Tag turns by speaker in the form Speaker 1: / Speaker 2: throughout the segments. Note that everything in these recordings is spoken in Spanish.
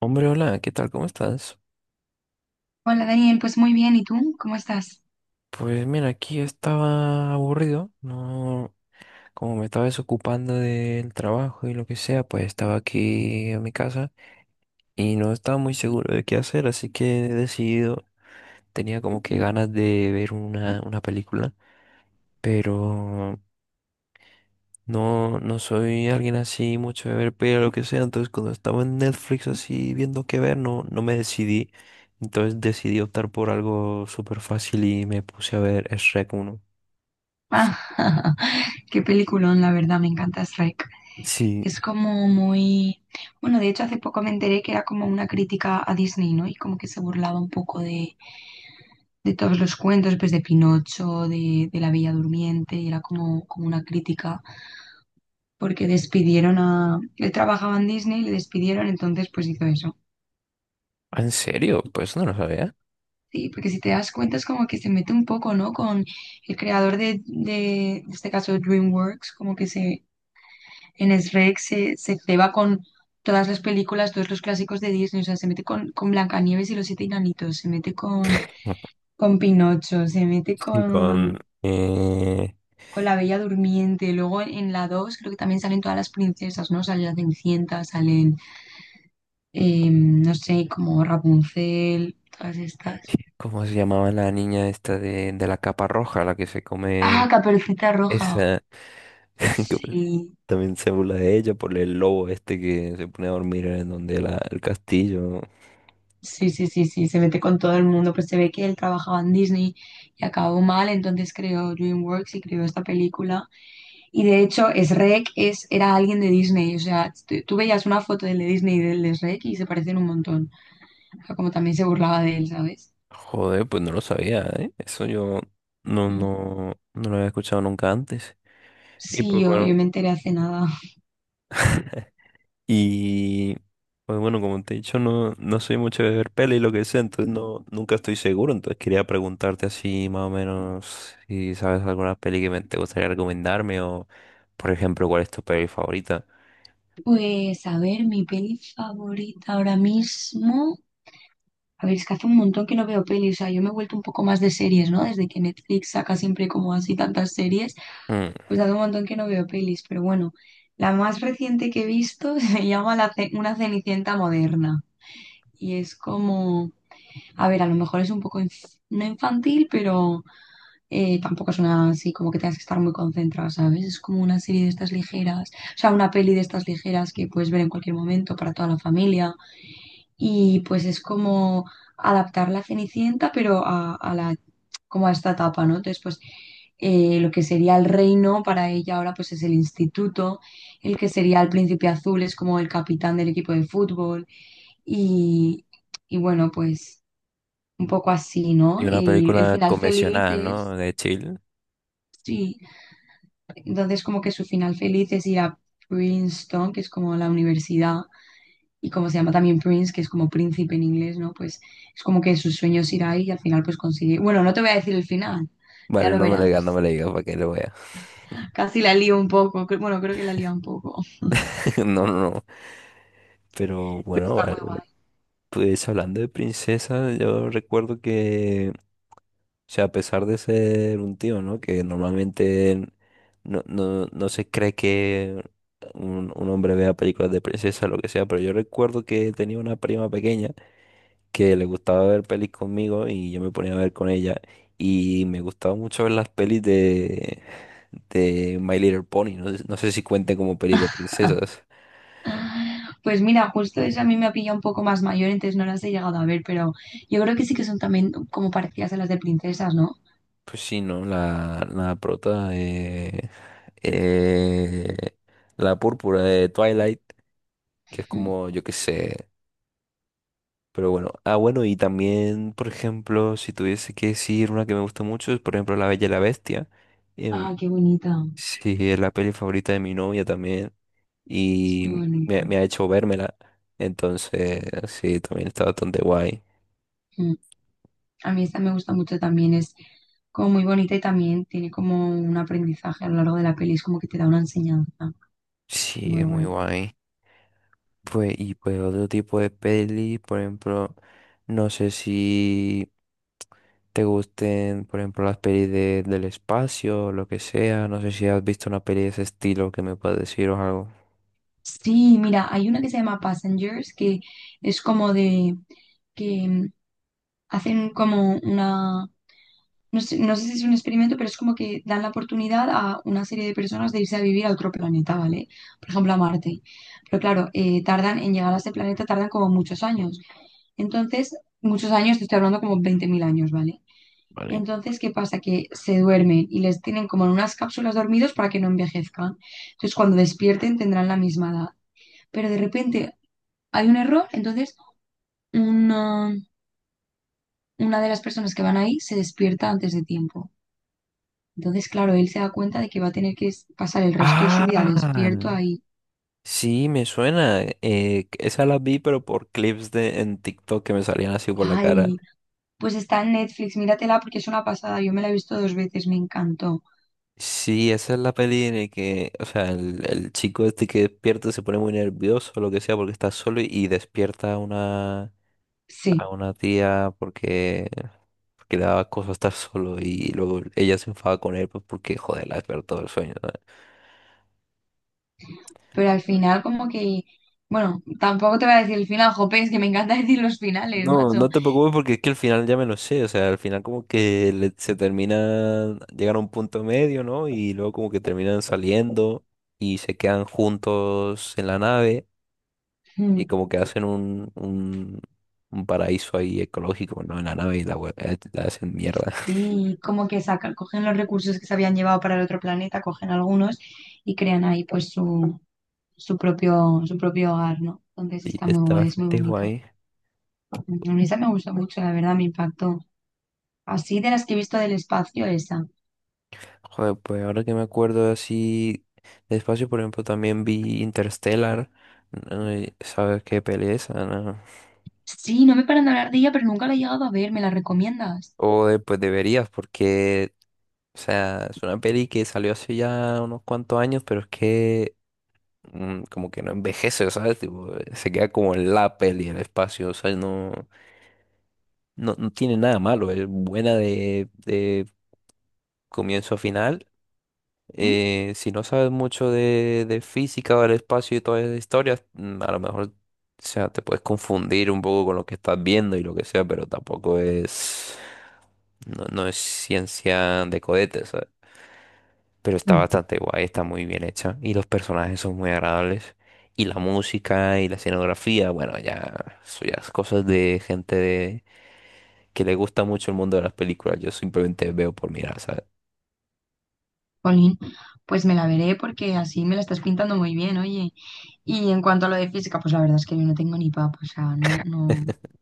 Speaker 1: Hombre, hola, ¿qué tal? ¿Cómo estás?
Speaker 2: Hola Daniel, pues muy bien, ¿y tú? ¿Cómo estás?
Speaker 1: Pues mira, aquí estaba aburrido, no, como me estaba desocupando del trabajo y lo que sea, pues estaba aquí en mi casa y no estaba muy seguro de qué hacer, así que he decidido, tenía como que ganas de ver una película, pero no soy alguien así mucho de ver películas, lo que sea, entonces cuando estaba en Netflix así viendo qué ver, no me decidí, entonces decidí optar por algo súper fácil y me puse a ver Shrek uno.
Speaker 2: Ah, qué peliculón, la verdad, me encanta Shrek.
Speaker 1: Sí,
Speaker 2: Es como muy... Bueno, de hecho hace poco me enteré que era como una crítica a Disney, ¿no? Y como que se burlaba un poco de todos los cuentos, pues de Pinocho, de La Bella Durmiente, y era como, como una crítica porque despidieron a... Él trabajaba en Disney, le despidieron, entonces pues hizo eso.
Speaker 1: ¿en serio? Pues no lo sabía.
Speaker 2: Sí, porque si te das cuenta es como que se mete un poco, ¿no? Con el creador de, en este caso, DreamWorks, como que se, en Shrek se ceba con todas las películas, todos los clásicos de Disney, o sea, se mete con Blancanieves y los siete enanitos, se mete con Pinocho, se mete
Speaker 1: Sí, con...
Speaker 2: con La Bella Durmiente, luego en la 2 creo que también salen todas las princesas, ¿no? Sale la Cenicienta, salen, no sé, como Rapunzel, todas estas.
Speaker 1: ¿cómo se llamaba la niña esta de la capa roja, la que se
Speaker 2: Ah,
Speaker 1: come
Speaker 2: Caperucita Roja,
Speaker 1: esa? Que
Speaker 2: sí.
Speaker 1: también se burla de ella por el lobo este que se pone a dormir en donde la, el castillo.
Speaker 2: Sí, sí, sí, sí, se mete con todo el mundo, pues se ve que él trabajaba en Disney y acabó mal, entonces creó DreamWorks y creó esta película. Y de hecho, Shrek es, era alguien de Disney, o sea, tú veías una foto del de Disney y del de Shrek y se parecen un montón. O sea, como también se burlaba de él, ¿sabes?
Speaker 1: Joder, pues no lo sabía, ¿eh? Eso yo
Speaker 2: Mm.
Speaker 1: no lo había escuchado nunca antes. Y
Speaker 2: Sí,
Speaker 1: pues
Speaker 2: yo,
Speaker 1: bueno.
Speaker 2: yo me enteré hace nada.
Speaker 1: Y pues bueno, como te he dicho, no, no soy mucho de ver peli y lo que sea, entonces no, nunca estoy seguro. Entonces quería preguntarte así más o menos si sabes alguna peli que me, te gustaría recomendarme o, por ejemplo, cuál es tu peli favorita.
Speaker 2: Pues a ver, mi peli favorita ahora mismo. A ver, es que hace un montón que no veo pelis, o sea, yo me he vuelto un poco más de series, ¿no? Desde que Netflix saca siempre como así tantas series.
Speaker 1: Mm,
Speaker 2: Pues hace un montón que no veo pelis, pero bueno, la más reciente que he visto se llama Una Cenicienta Moderna. Y es como, a ver, a lo mejor es un poco no infantil, pero tampoco es una así como que tengas que estar muy concentrada, ¿sabes? Es como una serie de estas ligeras, o sea, una peli de estas ligeras que puedes ver en cualquier momento para toda la familia y pues es como adaptar la Cenicienta, pero a la, como a esta etapa, ¿no? Entonces, pues lo que sería el reino para ella ahora pues es el instituto, el que sería el príncipe azul es como el capitán del equipo de fútbol y, y bueno, pues un poco así, ¿no?
Speaker 1: Y una
Speaker 2: Y el
Speaker 1: película
Speaker 2: final feliz
Speaker 1: convencional, ¿no?
Speaker 2: es,
Speaker 1: De chill.
Speaker 2: sí, entonces como que su final feliz es ir a Princeton, que es como la universidad y como se llama también Prince, que es como príncipe en inglés, ¿no? Pues es como que sus sueños irá ahí y al final pues consigue. Bueno, no te voy a decir el final, ya
Speaker 1: Vale,
Speaker 2: lo
Speaker 1: no me lo digas, no
Speaker 2: verás.
Speaker 1: me lo digas para que lo vea.
Speaker 2: Casi la lío un poco, bueno, creo que la lío un poco,
Speaker 1: No, no, no. Pero
Speaker 2: pero
Speaker 1: bueno,
Speaker 2: está
Speaker 1: vale.
Speaker 2: muy guay.
Speaker 1: Pues hablando de princesas, yo recuerdo que, o sea, a pesar de ser un tío, ¿no? Que normalmente no se cree que un hombre vea películas de princesa, lo que sea, pero yo recuerdo que tenía una prima pequeña que le gustaba ver pelis conmigo y yo me ponía a ver con ella y me gustaba mucho ver las pelis de My Little Pony, no, sé no sé si cuenten como pelis de princesas.
Speaker 2: Pues mira, justo esa a mí me ha pillado un poco más mayor, entonces no las he llegado a ver, pero yo creo que sí que son también como parecidas a las de princesas, ¿no?
Speaker 1: Pues sí, ¿no? La prota... eh, la púrpura de Twilight que es
Speaker 2: Mm.
Speaker 1: como, yo qué sé. Pero bueno, ah, bueno, y también, por ejemplo, si tuviese que decir una que me gusta mucho, es por ejemplo La Bella y la Bestia.
Speaker 2: Ah,
Speaker 1: Em,
Speaker 2: qué bonita,
Speaker 1: sí, es la peli favorita de mi novia también.
Speaker 2: es muy
Speaker 1: Y
Speaker 2: bonita.
Speaker 1: me ha hecho vérmela. Entonces, sí, también está bastante guay.
Speaker 2: Mm. A mí esta me gusta mucho también, es como muy bonita y también tiene como un aprendizaje a lo largo de la peli, es como que te da una enseñanza
Speaker 1: Sí,
Speaker 2: muy
Speaker 1: es muy
Speaker 2: guay.
Speaker 1: guay. Pues, y pues otro tipo de peli, por ejemplo, no sé si te gusten, por ejemplo, las pelis de- del espacio o lo que sea. No sé si has visto una peli de ese estilo que me puedes decir o algo.
Speaker 2: Sí, mira, hay una que se llama Passengers, que es como de que hacen como una, no sé, no sé si es un experimento, pero es como que dan la oportunidad a una serie de personas de irse a vivir a otro planeta, ¿vale? Por ejemplo, a Marte. Pero claro, tardan en llegar a ese planeta, tardan como muchos años. Entonces, muchos años, te estoy hablando como 20.000 años, ¿vale? Entonces, ¿qué pasa? Que se duermen y les tienen como en unas cápsulas dormidos para que no envejezcan. Entonces, cuando despierten tendrán la misma edad. Pero de repente hay un error, entonces una, una de las personas que van ahí se despierta antes de tiempo. Entonces, claro, él se da cuenta de que va a tener que pasar el resto de su vida despierto
Speaker 1: Ah,
Speaker 2: ahí.
Speaker 1: sí, me suena. Esa la vi, pero por clips de en TikTok que me salían así por la cara.
Speaker 2: Ay, pues está en Netflix, míratela porque es una pasada. Yo me la he visto dos veces, me encantó.
Speaker 1: Sí, esa es la peli en la que, o sea, el chico este que despierta se pone muy nervioso o lo que sea porque está solo y despierta una, a
Speaker 2: Sí,
Speaker 1: una tía porque, porque le daba cosa estar solo y luego ella se enfadaba con él pues porque, joder, le despertó todo el sueño, ¿no?
Speaker 2: pero al final como que... Bueno, tampoco te voy a decir el final, jope, es que me encanta decir los finales,
Speaker 1: No,
Speaker 2: macho.
Speaker 1: no te preocupes porque es que al final ya me lo sé, o sea, al final como que le- se termina, llegan a un punto medio, ¿no? Y luego como que terminan saliendo y se quedan juntos en la nave y
Speaker 2: Mm,
Speaker 1: como que hacen un paraíso ahí ecológico, ¿no? En la nave y la, hue- la hacen mierda.
Speaker 2: sí, como que sacan, cogen los recursos que se habían llevado para el otro planeta, cogen algunos y crean ahí pues su, su propio hogar, ¿no? Entonces está
Speaker 1: Y
Speaker 2: muy
Speaker 1: está
Speaker 2: guay, es muy
Speaker 1: bastante
Speaker 2: bonito.
Speaker 1: guay.
Speaker 2: Mm, a mí esa me gustó mucho, la verdad, me impactó. Así de las que he visto del espacio, esa.
Speaker 1: Joder, pues ahora que me acuerdo así de espacio, por ejemplo, también vi Interstellar. Ay, ¿sabes qué pereza, no?
Speaker 2: Sí, no me paran de hablar de ella, pero nunca la he llegado a ver, ¿me la recomiendas?
Speaker 1: O pues deberías, porque, o sea, es una peli que salió hace ya unos cuantos años, pero es que como que no envejece, ¿sabes? Tipo, se queda como en la peli, el espacio, o sea, no tiene nada malo, es buena de comienzo a final. Si no sabes mucho de física o del espacio y todas esas historias, a lo mejor, o sea, te puedes confundir un poco con lo que estás viendo y lo que sea, pero tampoco es, no es ciencia de cohetes, ¿sabes? Pero está
Speaker 2: Mm,
Speaker 1: bastante guay, está muy bien hecha y los personajes son muy agradables y la música y la escenografía, bueno, ya, son ya es cosas de gente de- que le gusta mucho el mundo de las películas, yo simplemente veo por mirar, ¿sabes?
Speaker 2: jolín, pues me la veré porque así me la estás pintando muy bien, oye. Y en cuanto a lo de física, pues la verdad es que yo no tengo ni papa, o sea, no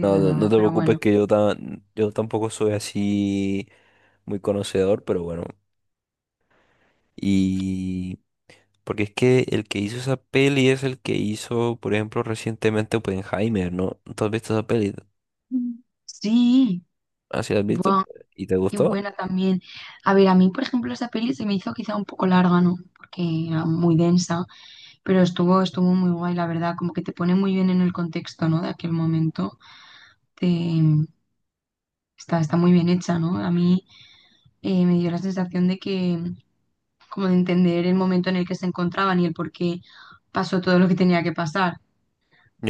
Speaker 1: No, no, no
Speaker 2: nada,
Speaker 1: te
Speaker 2: pero
Speaker 1: preocupes
Speaker 2: bueno.
Speaker 1: que yo, tan, yo tampoco soy así muy conocedor, pero bueno. Y porque es que el que hizo esa peli es el que hizo, por ejemplo, recientemente Oppenheimer, ¿no? ¿Tú has visto esa peli?
Speaker 2: Mm. Sí,
Speaker 1: ¿Ah, sí la has visto?
Speaker 2: buah,
Speaker 1: ¿Y te
Speaker 2: qué
Speaker 1: gustó?
Speaker 2: buena también. A ver, a mí, por ejemplo, esa peli se me hizo quizá un poco larga, ¿no? Porque era muy densa, pero estuvo, estuvo muy guay, la verdad, como que te pone muy bien en el contexto, ¿no? De aquel momento. Te, está, está muy bien hecha, ¿no? A mí me dio la sensación de que, como de entender el momento en el que se encontraban y el por qué pasó todo lo que tenía que pasar.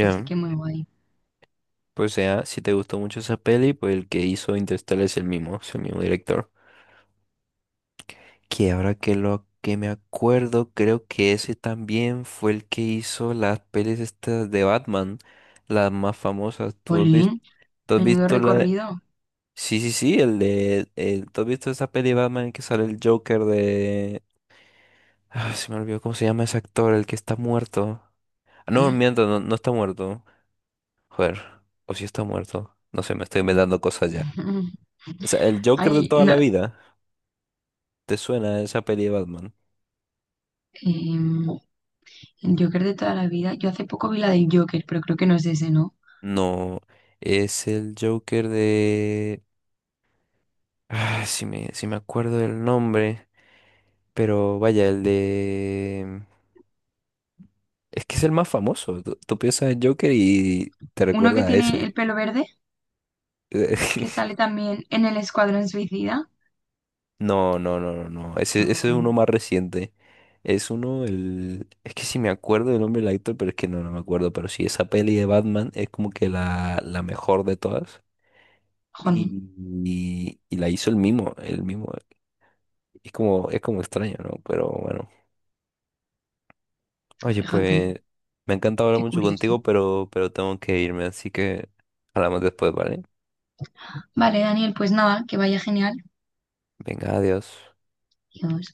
Speaker 2: Así que muy guay.
Speaker 1: Pues sea, si te gustó mucho esa peli, pues el que hizo Interstellar es el mismo director. Que ahora que lo que me acuerdo, creo que ese también fue el que hizo las pelis estas de Batman, las más famosas. ¿Tú has visto?
Speaker 2: Jolín,
Speaker 1: ¿Tú has
Speaker 2: menudo
Speaker 1: visto la de...
Speaker 2: recorrido.
Speaker 1: sí, sí, sí, el de... el- ¿Tú has visto esa peli de Batman en que sale el Joker de... ah, se me olvidó cómo se llama ese actor, el que está muerto. Ah, no, miento, no, no está muerto. Joder, o si está muerto. No sé, me estoy inventando cosas ya. O sea, el Joker de
Speaker 2: Ay,
Speaker 1: toda
Speaker 2: no,
Speaker 1: la vida. ¿Te suena esa peli de Batman?
Speaker 2: em, el Joker de toda la vida. Yo hace poco vi la del Joker, pero creo que no es ese, ¿no?
Speaker 1: No, es el Joker de... ah, si me, si me acuerdo del nombre. Pero vaya, el de... es que es el más famoso. Tú piensas en Joker y te
Speaker 2: Uno que
Speaker 1: recuerda a
Speaker 2: tiene el
Speaker 1: ese.
Speaker 2: pelo verde, que sale también en el Escuadrón Suicida.
Speaker 1: No, no, no, no, no. Ese es
Speaker 2: Mm,
Speaker 1: uno más reciente. Es uno, el... es que sí me acuerdo del nombre del actor, pero es que no, no me acuerdo. Pero sí, esa peli de Batman es como que la mejor de todas.
Speaker 2: jolín,
Speaker 1: Y, y la hizo el mismo, el mismo. Es como extraño, ¿no? Pero bueno. Oye,
Speaker 2: fíjate,
Speaker 1: pues me ha encantado hablar
Speaker 2: qué
Speaker 1: mucho
Speaker 2: curioso.
Speaker 1: contigo, pero tengo que irme, así que hablamos después, ¿vale?
Speaker 2: Vale, Daniel, pues nada, que vaya genial.
Speaker 1: Venga, adiós.
Speaker 2: Adiós.